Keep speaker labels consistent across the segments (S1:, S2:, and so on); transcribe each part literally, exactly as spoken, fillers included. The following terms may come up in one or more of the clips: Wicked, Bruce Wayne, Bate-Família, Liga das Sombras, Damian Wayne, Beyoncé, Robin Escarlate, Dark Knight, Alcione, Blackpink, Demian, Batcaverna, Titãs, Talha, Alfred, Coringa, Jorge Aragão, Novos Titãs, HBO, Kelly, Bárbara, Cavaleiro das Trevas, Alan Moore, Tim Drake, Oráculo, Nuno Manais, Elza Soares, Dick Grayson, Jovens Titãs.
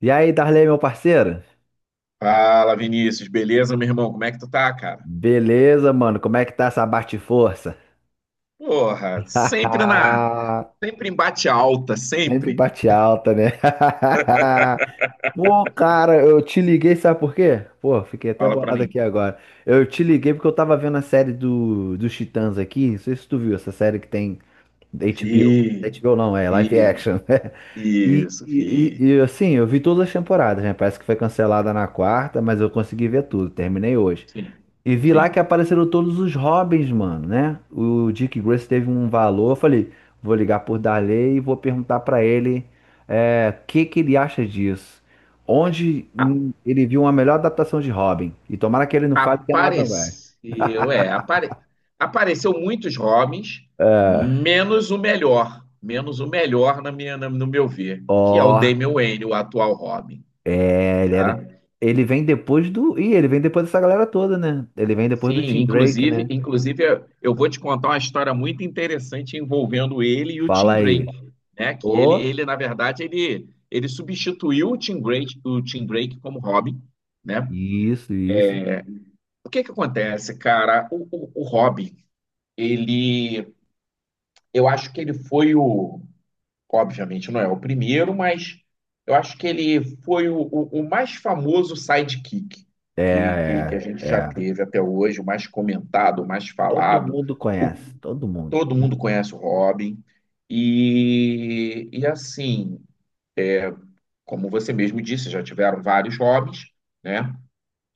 S1: E aí, Darley, meu parceiro?
S2: Fala, Vinícius, beleza, meu irmão? Como é que tu tá, cara?
S1: Beleza, mano? Como é que tá essa bate-força?
S2: Porra, sempre na, sempre em bate alta,
S1: Sempre
S2: sempre.
S1: bate alta, né? Pô, cara, eu te liguei, sabe por quê? Pô, fiquei até
S2: Fala pra
S1: bolado
S2: mim.
S1: aqui agora. Eu te liguei porque eu tava vendo a série do, dos Titãs aqui. Não sei se tu viu essa série que tem da
S2: Vi,
S1: agá bê ó. agá bê ó não, é live
S2: vi,
S1: action, né? E,
S2: isso, vi.
S1: e, e, e, assim, eu vi todas as temporadas, né? Parece que foi cancelada na quarta, mas eu consegui ver tudo. Terminei hoje.
S2: Sim,
S1: E vi lá que
S2: sim.
S1: apareceram todos os Robins, mano, né? O Dick Grace teve um valor. Eu falei, vou ligar por Darley e vou perguntar pra ele é, o que que ele acha disso. Onde
S2: A-
S1: hum, ele viu uma melhor adaptação de Robin. E tomara que ele não fale que é no Adam West.
S2: apareceu, é, apare, apareceu muitos Robins,
S1: É,
S2: menos o melhor, menos o melhor na minha, na- no meu ver, que é o
S1: ó,
S2: Damian Wayne, o atual Robin,
S1: é, ele era-
S2: tá?
S1: ele vem depois do. Ih, ele vem depois dessa galera toda, né? Ele vem depois do
S2: Sim,
S1: Tim Drake,
S2: inclusive,
S1: né?
S2: inclusive eu eu vou te contar uma história muito interessante envolvendo ele e o
S1: Fala
S2: Tim Drake,
S1: aí.
S2: né? Que ele,
S1: Ô,
S2: ele na verdade, ele, ele substituiu o Tim Drake, o Tim Drake como Robin, né?
S1: isso, isso.
S2: O que que acontece, cara? O, o, o Robin, ele, eu acho que ele foi o, obviamente não é o primeiro, mas eu acho que ele foi o, o, o mais famoso sidekick
S1: É,
S2: que, que, que a
S1: é,
S2: gente já
S1: é.
S2: teve até hoje, o mais comentado, o mais
S1: Todo
S2: falado.
S1: mundo
S2: O,
S1: conhece, todo mundo.
S2: Todo mundo conhece o Robin. E, e assim, como você mesmo disse, já tiveram vários Robins, né?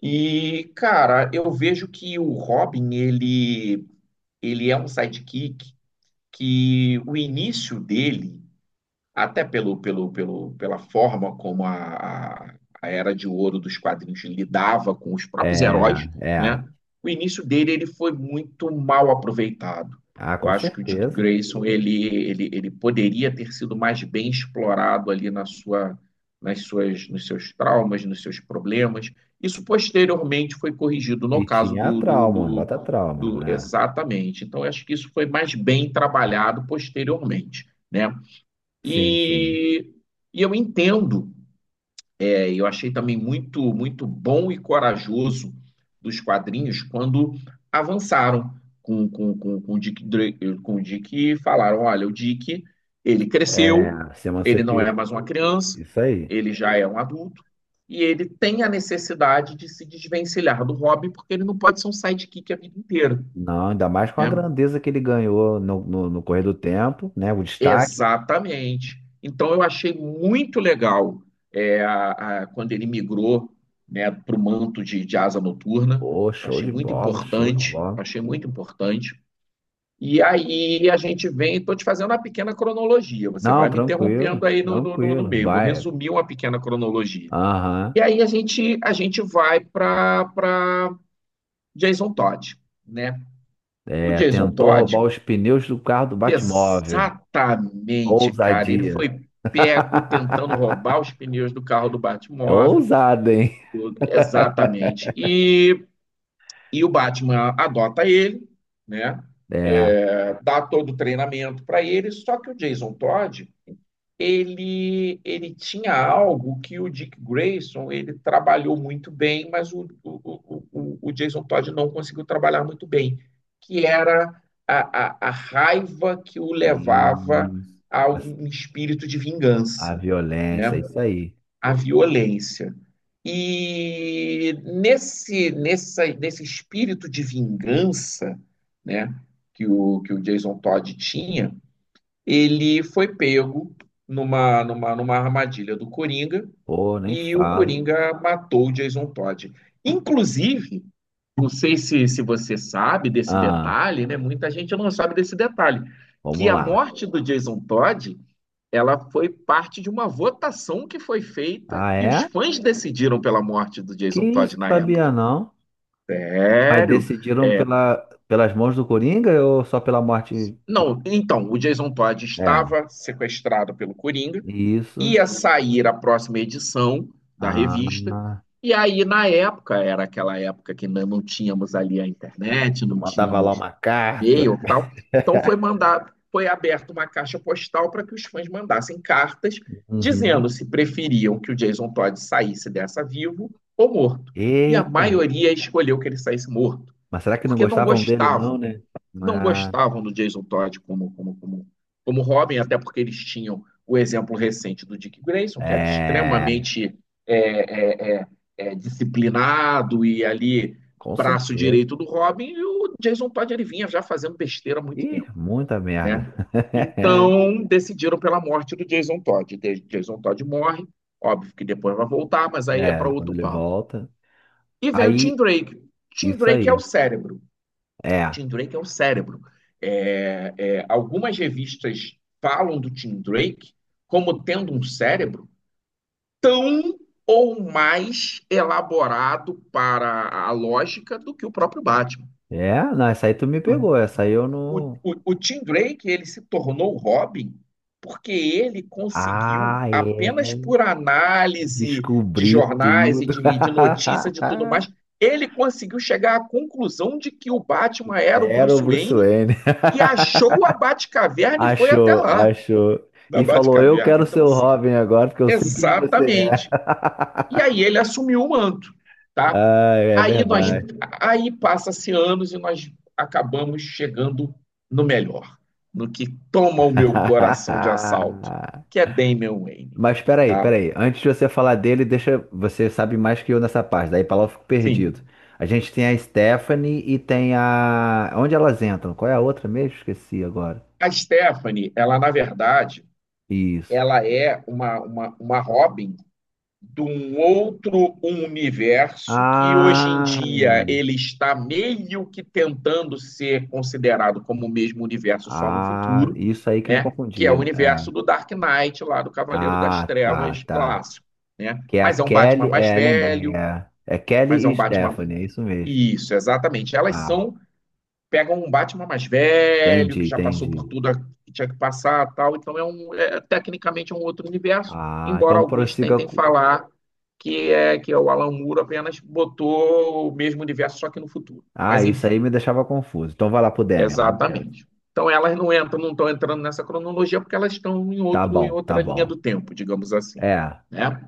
S2: E, cara, eu vejo que o Robin, ele, ele é um sidekick que o início dele até pelo, pelo, pelo, pela forma como a, a, a Era de Ouro dos quadrinhos lidava com os
S1: É,
S2: próprios heróis,
S1: é.
S2: né? O início dele ele foi muito mal aproveitado.
S1: Ah,
S2: Eu
S1: com
S2: acho que o Dick
S1: certeza.
S2: Grayson ele, ele, ele poderia ter sido mais bem explorado ali na sua, nas suas, nos seus traumas, nos seus problemas. Isso posteriormente foi corrigido no
S1: E
S2: caso
S1: tinha a
S2: do, do,
S1: trauma, bota
S2: do,
S1: trauma,
S2: do-
S1: né?
S2: exatamente. Então, eu acho que isso foi mais bem trabalhado posteriormente, né?
S1: Sim, sim.
S2: E, e eu entendo, é, eu achei também muito, muito bom e corajoso dos quadrinhos quando avançaram com, com, com, com o Dick, Dra- com o Dick e falaram: olha, o Dick, ele cresceu,
S1: É, se
S2: ele não é
S1: emancipou.
S2: mais uma criança,
S1: Isso aí.
S2: ele já é um adulto, e ele tem a necessidade de se desvencilhar do Robin, porque ele não pode ser um sidekick a vida inteira,
S1: Não, ainda mais com a
S2: né?
S1: grandeza que ele ganhou no, no, no correr do tempo, né? O destaque.
S2: Exatamente. Então eu achei muito legal, é, a- a- quando ele migrou, né, para o manto de, de asa noturna.
S1: Pô,
S2: Eu
S1: show
S2: achei
S1: de
S2: muito
S1: bola, show de
S2: importante,
S1: bola.
S2: achei muito importante. E aí a gente vem, estou te fazendo uma pequena cronologia. Você
S1: Não,
S2: vai me
S1: tranquilo,
S2: interrompendo aí no, no, no- no
S1: tranquilo.
S2: meio. Vou
S1: Vai.
S2: resumir uma pequena cronologia.
S1: Aham.
S2: E aí a gente a gente vai para para Jason Todd, né? O
S1: É,
S2: Jason
S1: tentou roubar
S2: Todd
S1: os pneus do carro do Batmóvel.
S2: Exatamente, cara. Ele
S1: Ousadia.
S2: foi pego tentando roubar os pneus do carro do
S1: É
S2: Batmóvel.
S1: ousado, hein?
S2: Exatamente. E, e o Batman adota ele, né?
S1: É,
S2: É, dá todo o treinamento para ele. Só que o Jason Todd, ele ele tinha algo que o Dick Grayson ele trabalhou muito bem, mas o, o, o, o Jason Todd não conseguiu trabalhar muito bem, que era a, a, a raiva que o levava
S1: e
S2: a
S1: a,
S2: um espírito de
S1: a
S2: vingança, né?
S1: violência, isso aí.
S2: A violência. E nesse, nessa, nesse espírito de vingança, né, que o, que o Jason Todd tinha, ele foi pego numa, numa, numa armadilha do Coringa
S1: Pô, nem
S2: e o
S1: falo.
S2: Coringa matou o Jason Todd. Inclusive, não sei se, se você sabe desse
S1: Ah,
S2: detalhe, né? Muita gente não sabe desse detalhe, que
S1: vamos
S2: a
S1: lá.
S2: morte do Jason Todd, ela foi parte de uma votação que foi feita
S1: Ah,
S2: e os
S1: é?
S2: fãs decidiram pela morte do
S1: Que
S2: Jason
S1: isso,
S2: Todd na
S1: sabia
S2: época.
S1: não? Mas
S2: Sério?
S1: decidiram
S2: É,
S1: pela, pelas mãos do Coringa ou só pela morte de...
S2: não, então, o Jason Todd
S1: É,
S2: estava sequestrado pelo Coringa,
S1: isso.
S2: ia sair a próxima edição da revista,
S1: Ah,
S2: e aí, na época, era aquela época que ainda não tínhamos ali a internet,
S1: tu
S2: não
S1: mandava lá
S2: tínhamos
S1: uma carta.
S2: e-mail e tal. Então foi mandado, foi aberta uma caixa postal para que os fãs mandassem cartas
S1: Uhum.
S2: dizendo se preferiam que o Jason Todd saísse dessa vivo ou morto. E a
S1: Eita,
S2: maioria escolheu que ele saísse morto,
S1: mas será que não
S2: porque não
S1: gostavam dele não,
S2: gostavam,
S1: né?
S2: não
S1: Ah,
S2: gostavam do Jason Todd como como como como Robin, até porque eles tinham o exemplo recente do Dick Grayson, que era
S1: é,
S2: extremamente é, é, é, é, disciplinado e ali
S1: com
S2: braço
S1: certeza.
S2: direito do Robin, e o Jason Todd ele vinha já fazendo besteira há muito
S1: Ih,
S2: tempo,
S1: muita merda.
S2: né? Então decidiram pela morte do Jason Todd. Jason Todd morre, óbvio que depois vai voltar, mas aí é para
S1: É, quando
S2: outro
S1: ele
S2: papo.
S1: volta.
S2: E vem o Tim
S1: Aí,
S2: Drake. Tim
S1: isso
S2: Drake é o
S1: aí.
S2: cérebro.
S1: É.
S2: Tim Drake é o cérebro. É, é, algumas revistas falam do Tim Drake como tendo um cérebro tão ou mais elaborado para a lógica do que o próprio Batman.
S1: É, não, essa aí tu me pegou. Essa aí eu
S2: O,
S1: não.
S2: o, o Tim Drake, ele se tornou o Robin porque ele conseguiu,
S1: Ah,
S2: apenas
S1: é.
S2: por análise de
S1: Descobri
S2: jornais e
S1: tudo.
S2: de, de notícias e tudo mais, ele conseguiu chegar à conclusão de que o Batman era o
S1: Era o
S2: Bruce
S1: Bruce
S2: Wayne,
S1: Wayne.
S2: e achou a Batcaverna e foi até
S1: Achou,
S2: lá,
S1: achou.
S2: na
S1: E falou: eu
S2: Batcaverna.
S1: quero ser
S2: Então,
S1: o
S2: assim,
S1: Robin agora, porque eu sei quem é você. É.
S2: exatamente. E aí ele assumiu o manto, tá?
S1: Ah, é
S2: Aí nós,
S1: verdade.
S2: aí passa-se anos e nós acabamos chegando no melhor, no que toma o meu coração de assalto, que é Damian Wayne,
S1: Mas peraí,
S2: tá?
S1: peraí. Antes de você falar dele, deixa. Você sabe mais que eu nessa parte. Daí pra lá eu fico perdido.
S2: Sim.
S1: A gente tem a Stephanie e tem a. Onde elas entram? Qual é a outra mesmo? Esqueci agora.
S2: A Stephanie, ela na verdade,
S1: Isso.
S2: ela é uma, uma, uma Robin de um outro universo que hoje em
S1: Ah,
S2: dia ele está meio que tentando ser considerado como o mesmo universo só no
S1: ah,
S2: futuro,
S1: isso aí que me
S2: né? Que é o
S1: confundia. É.
S2: universo do Dark Knight lá do Cavaleiro das
S1: Ah, tá,
S2: Trevas
S1: tá.
S2: clássico, né?
S1: Que é a
S2: Mas é um Batman
S1: Kelly.
S2: mais
S1: É, lembrei.
S2: velho,
S1: É, é
S2: mas é
S1: Kelly e
S2: um Batman
S1: Stephanie, é isso mesmo.
S2: isso, exatamente. Elas
S1: Ah,
S2: são pegam um Batman mais velho,
S1: entendi,
S2: que já passou por
S1: entendi.
S2: tudo que tinha que passar, tal. Então, é um, é, tecnicamente é um outro universo,
S1: Ah,
S2: embora
S1: então
S2: alguns
S1: prossiga.
S2: tentem
S1: Com-
S2: falar que é que é o Alan Moore apenas botou o mesmo universo só que no futuro.
S1: Ah,
S2: Mas
S1: isso aí
S2: enfim,
S1: me deixava confuso. Então vai lá pro Demian. Vamos
S2: exatamente. Então elas não entram, não estão entrando nessa cronologia porque elas estão em
S1: Tá
S2: outro em
S1: bom, tá
S2: outra linha do
S1: bom.
S2: tempo, digamos assim.
S1: É,
S2: Né?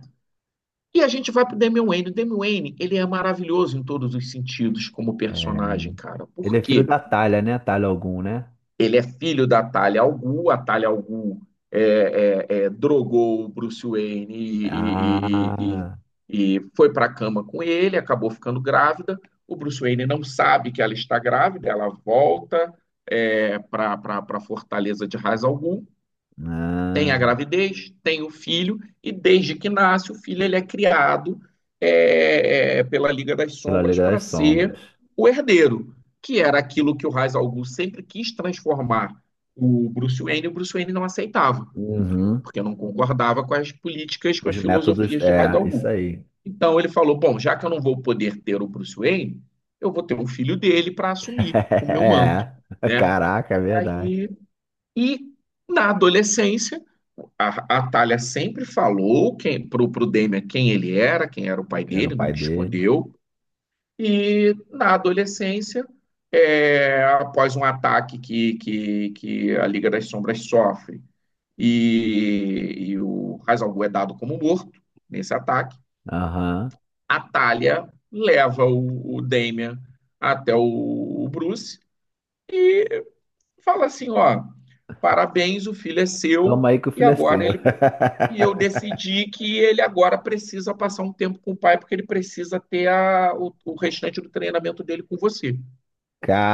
S2: E a gente vai para o Damian Wayne. O Damian Wayne ele é maravilhoso em todos os sentidos como
S1: é.
S2: personagem, cara.
S1: Ele
S2: Por
S1: é filho
S2: quê?
S1: da Talha, né? Talha algum, né?
S2: Ele é filho da Talia al Ghul, a Talia al Ghul é, é, é, drogou o Bruce Wayne e, e, e, e
S1: Ah,
S2: e foi para a cama com ele, acabou ficando grávida. O Bruce Wayne não sabe que ela está grávida, ela volta, é, para a fortaleza de Ra's al Ghul, tem
S1: ah,
S2: a gravidez, tem o filho, e desde que nasce, o filho ele é criado, é, é, pela Liga das
S1: pela
S2: Sombras,
S1: Liga
S2: para
S1: das
S2: ser
S1: Sombras.
S2: o herdeiro, que era aquilo que o Ra's al Ghul sempre quis transformar o Bruce Wayne, e o Bruce Wayne não aceitava,
S1: Uhum.
S2: porque não concordava com as políticas, com as
S1: Os métodos.
S2: filosofias de Ra's
S1: É,
S2: al
S1: isso
S2: Ghul.
S1: aí.
S2: Então ele falou, bom, já que eu não vou poder ter o Bruce Wayne, eu vou ter um filho dele para assumir o meu manto,
S1: É.
S2: né?
S1: Caraca, é verdade.
S2: Aí e na adolescência, a, a Thalia sempre falou quem, pro, pro Damian, quem ele era, quem era o pai
S1: Que era o
S2: dele,
S1: pai
S2: nunca
S1: dele.
S2: escondeu. E na adolescência, é, após um ataque que, que, que a Liga das Sombras sofre, e, e o Hazalgu é dado como morto nesse ataque,
S1: Aham.
S2: a Thalia leva o, o Damian até o, o Bruce. Fala assim, ó, parabéns, o filho é
S1: Toma
S2: seu,
S1: aí que o
S2: e
S1: filho é
S2: agora
S1: seu.
S2: ele e eu decidi que ele agora precisa passar um tempo com o pai, porque ele precisa ter a, o, o restante do treinamento dele com você.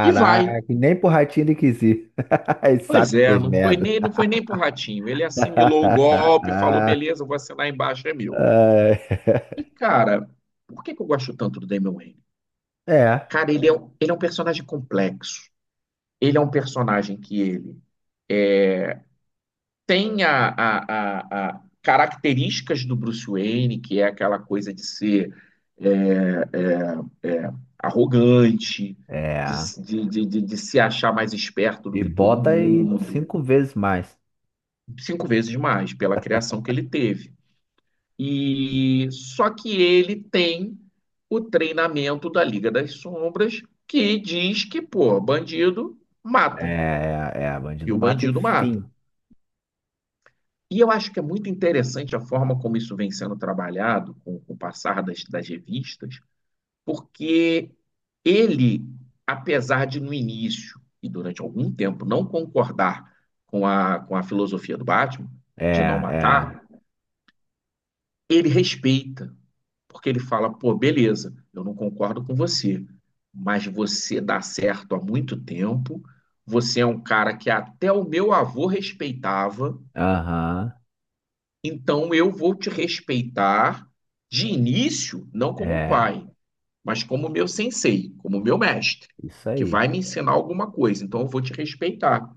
S2: E vai.
S1: nem pro ratinho ele quis ir. Ele sabe
S2: Pois
S1: que
S2: é,
S1: fez
S2: não foi
S1: merda.
S2: nem não foi nem pro ratinho. Ele assimilou o golpe, falou
S1: Ai.
S2: beleza, eu vou assinar embaixo, é meu. E cara, por que que eu gosto tanto do Damian Wayne?
S1: É,
S2: Cara, ele é, um- ele é um personagem complexo. Ele é um personagem que ele tem a, a- a- a- características do Bruce Wayne, que é aquela coisa de ser é, é, é, arrogante,
S1: é.
S2: de, de, de, de- de se achar mais esperto do
S1: E
S2: que todo
S1: bota aí
S2: mundo,
S1: cinco vezes mais.
S2: cinco vezes mais pela criação que ele teve. E só que ele tem o treinamento da Liga das Sombras, que diz que, pô, bandido mata,
S1: É, é,
S2: e
S1: bandido
S2: o
S1: mata e
S2: bandido mata.
S1: fim.
S2: E eu acho que é muito interessante a forma como isso vem sendo trabalhado com, com o passar das, das revistas, porque ele, apesar de no início e durante algum tempo não concordar com a, com a filosofia do Batman,
S1: É,
S2: de não
S1: é,
S2: matar, ele respeita, porque ele fala: pô, beleza, eu não concordo com você, mas você dá certo há muito tempo, você é um cara que até o meu avô respeitava.
S1: aham,
S2: Então eu vou te respeitar, de início, não como
S1: é,
S2: pai, mas como meu sensei, como meu mestre,
S1: isso
S2: que
S1: aí.
S2: vai me ensinar alguma coisa. Então eu vou te respeitar.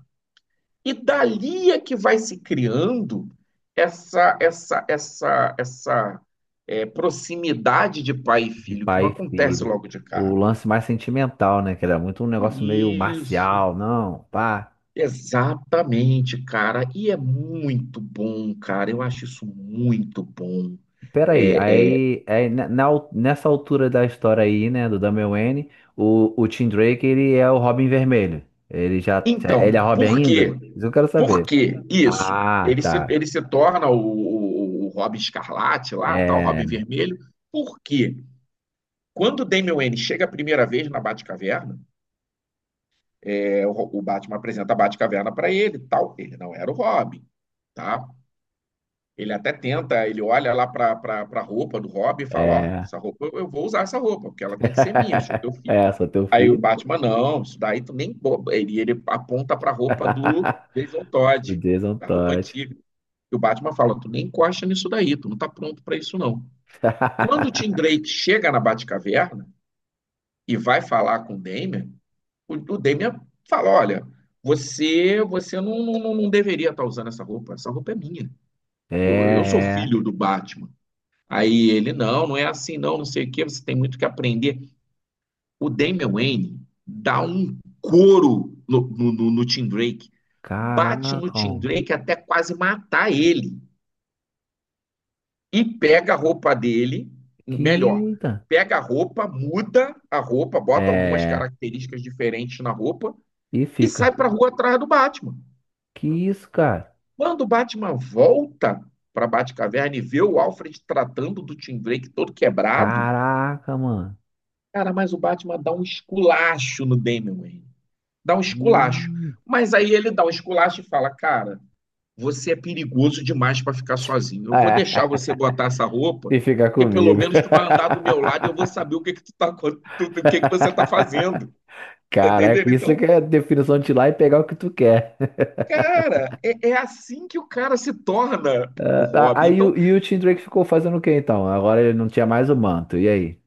S2: E dali é que vai se criando essa essa essa essa é, proximidade de pai e
S1: De
S2: filho, que não
S1: pai e
S2: acontece
S1: filho.
S2: logo de
S1: O
S2: cara.
S1: lance mais sentimental, né? Que era muito um negócio meio
S2: Isso,
S1: marcial, não, pá.
S2: exatamente, cara. E é muito bom, cara. Eu acho isso muito bom.
S1: Peraí,
S2: é é,
S1: aí, aí ne- na al- nessa altura da história aí, né, do Damian Wayne, o, o Tim Drake, ele é o Robin Vermelho. Ele já, já- ele é
S2: Então,
S1: Robin
S2: por quê?
S1: ainda? Isso eu quero
S2: Por
S1: saber.
S2: que isso?
S1: Ah,
S2: Ele se,
S1: tá.
S2: ele se torna o, o, o Robin Escarlate lá, tal, o
S1: é
S2: Robin Vermelho. Por quê? Quando o Damian Wayne chega a primeira vez na Batcaverna, é, o, o Batman apresenta a Batcaverna para ele, tal. Ele não era o Robin, tá? Ele até tenta, ele olha lá para a roupa do Robin e fala: Ó,
S1: É,
S2: essa roupa eu, vou usar essa roupa, porque ela tem que ser minha, eu sou teu
S1: É,
S2: filho.
S1: sou teu
S2: Aí o
S1: filho.
S2: Batman, não, isso daí tu nem. Ele, ele aponta para a roupa do Jason
S1: O
S2: Todd,
S1: Jason
S2: da roupa
S1: Todd.
S2: antiga. E o Batman fala: tu nem encosta nisso daí, tu não tá pronto para isso não. Quando o Tim Drake chega na Batcaverna e vai falar com o Damian, o, o Damian fala: olha, você você não, não, não deveria estar usando essa roupa, essa roupa é minha.
S1: É,
S2: Eu sou
S1: é.
S2: filho do Batman. Aí ele, não, não é assim, não, não sei o que. Você tem muito que aprender. O Damian Wayne dá um couro no, no, no, Tim Drake,
S1: Caraca,
S2: bate no Tim
S1: mano.
S2: Drake até quase matar ele, e pega a roupa dele, melhor,
S1: Que da-
S2: pega a roupa, muda a roupa, bota algumas
S1: É.
S2: características diferentes na roupa
S1: E
S2: e
S1: fica.
S2: sai para rua atrás do Batman.
S1: Que isso, cara?
S2: Quando o Batman volta para Batcaverna e vê o Alfred tratando do Tim Drake todo quebrado,
S1: Caraca, mano.
S2: cara, mas o Batman dá um esculacho no Damian Wayne. Dá um esculacho.
S1: Hum.
S2: Mas aí ele dá um esculacho e fala: Cara, você é perigoso demais para ficar sozinho. Eu vou
S1: É.
S2: deixar você botar essa roupa,
S1: E fica
S2: porque pelo
S1: comigo.
S2: menos tu vai andar do meu lado e eu vou saber o que que tu tá, co- tu- o que que você tá fazendo. Tá
S1: Caraca,
S2: entendendo?
S1: isso
S2: Então,
S1: que é definição de ir lá e pegar o que tu quer.
S2: cara, é, é assim que o cara se torna o
S1: Ah,
S2: Robin.
S1: aí
S2: Então,
S1: o- e o Tim Drake ficou fazendo o quê então? Agora ele não tinha mais o manto. E aí?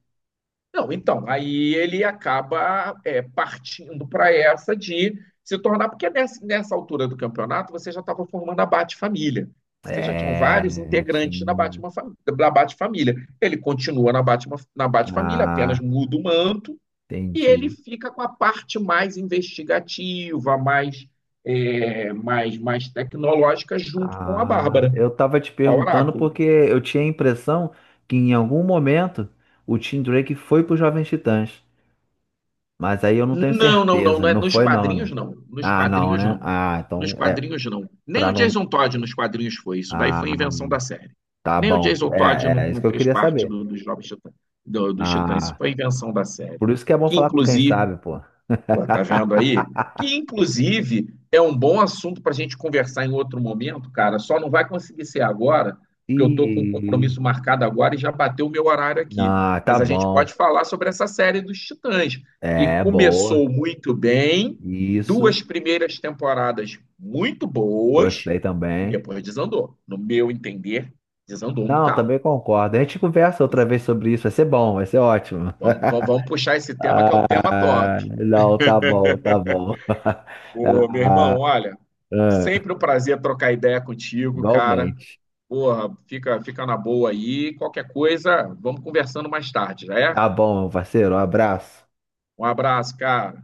S2: não, então, aí ele acaba, é, partindo para essa de se tornar, porque nessa, nessa altura do campeonato você já estava formando a Bate-Família. Você já tinham
S1: É,
S2: vários integrantes na
S1: tinha.
S2: Batman, fa- da Bate-Família. Ele continua na Batman, na Bate-Família, apenas
S1: Ah,
S2: muda o manto, e ele
S1: entendi.
S2: fica com a parte mais investigativa, mais, é, mais, mais tecnológica, junto com a
S1: Ah,
S2: Bárbara,
S1: eu tava te
S2: o
S1: perguntando
S2: Oráculo.
S1: porque eu tinha a impressão que em algum momento o Tim Drake foi pro Jovens Titãs, mas aí eu não tenho
S2: Não, não, não,
S1: certeza.
S2: não é
S1: Não
S2: nos
S1: foi não,
S2: quadrinhos
S1: né?
S2: não. Nos
S1: Ah, não,
S2: quadrinhos
S1: né?
S2: não.
S1: Ah,
S2: Nos
S1: então é
S2: quadrinhos não. Nem
S1: pra
S2: o
S1: não.
S2: Jason Todd nos quadrinhos foi. Isso daí foi
S1: Ah,
S2: invenção da série.
S1: tá
S2: Nem o
S1: bom.
S2: Jason Todd
S1: É,
S2: não,
S1: é isso
S2: não
S1: que eu
S2: fez
S1: queria
S2: parte
S1: saber.
S2: do- dos Novos Titãs, do- dos Titãs. Isso
S1: Ah,
S2: foi invenção da série.
S1: por isso que é bom
S2: Que
S1: falar com quem
S2: inclusive,
S1: sabe, pô.
S2: Pô, tá vendo aí? Que, inclusive, é um bom assunto para a gente conversar em outro momento, cara. Só não vai conseguir ser agora, porque eu tô com um
S1: E
S2: compromisso marcado agora e já bateu o meu horário aqui.
S1: ah, tá
S2: Mas a gente pode
S1: bom.
S2: falar sobre essa série dos Titãs, que
S1: É boa.
S2: começou muito bem,
S1: Isso.
S2: duas primeiras temporadas muito boas,
S1: Gostei
S2: e
S1: também.
S2: depois desandou. No meu entender, desandou um
S1: Não,
S2: bocado.
S1: também concordo. A gente conversa outra vez
S2: Desandou.
S1: sobre isso, vai ser bom, vai ser ótimo.
S2: Vamos, vamos vamos puxar esse tema, que é um tema top.
S1: Não, tá bom, tá bom.
S2: Ô, meu irmão,
S1: Ah,
S2: olha,
S1: ah,
S2: sempre um prazer trocar ideia contigo, cara.
S1: igualmente.
S2: Porra, fica, fica na boa aí. Qualquer coisa, vamos conversando mais tarde, já é?
S1: Tá bom, meu parceiro, um abraço.
S2: Um abraço, cara.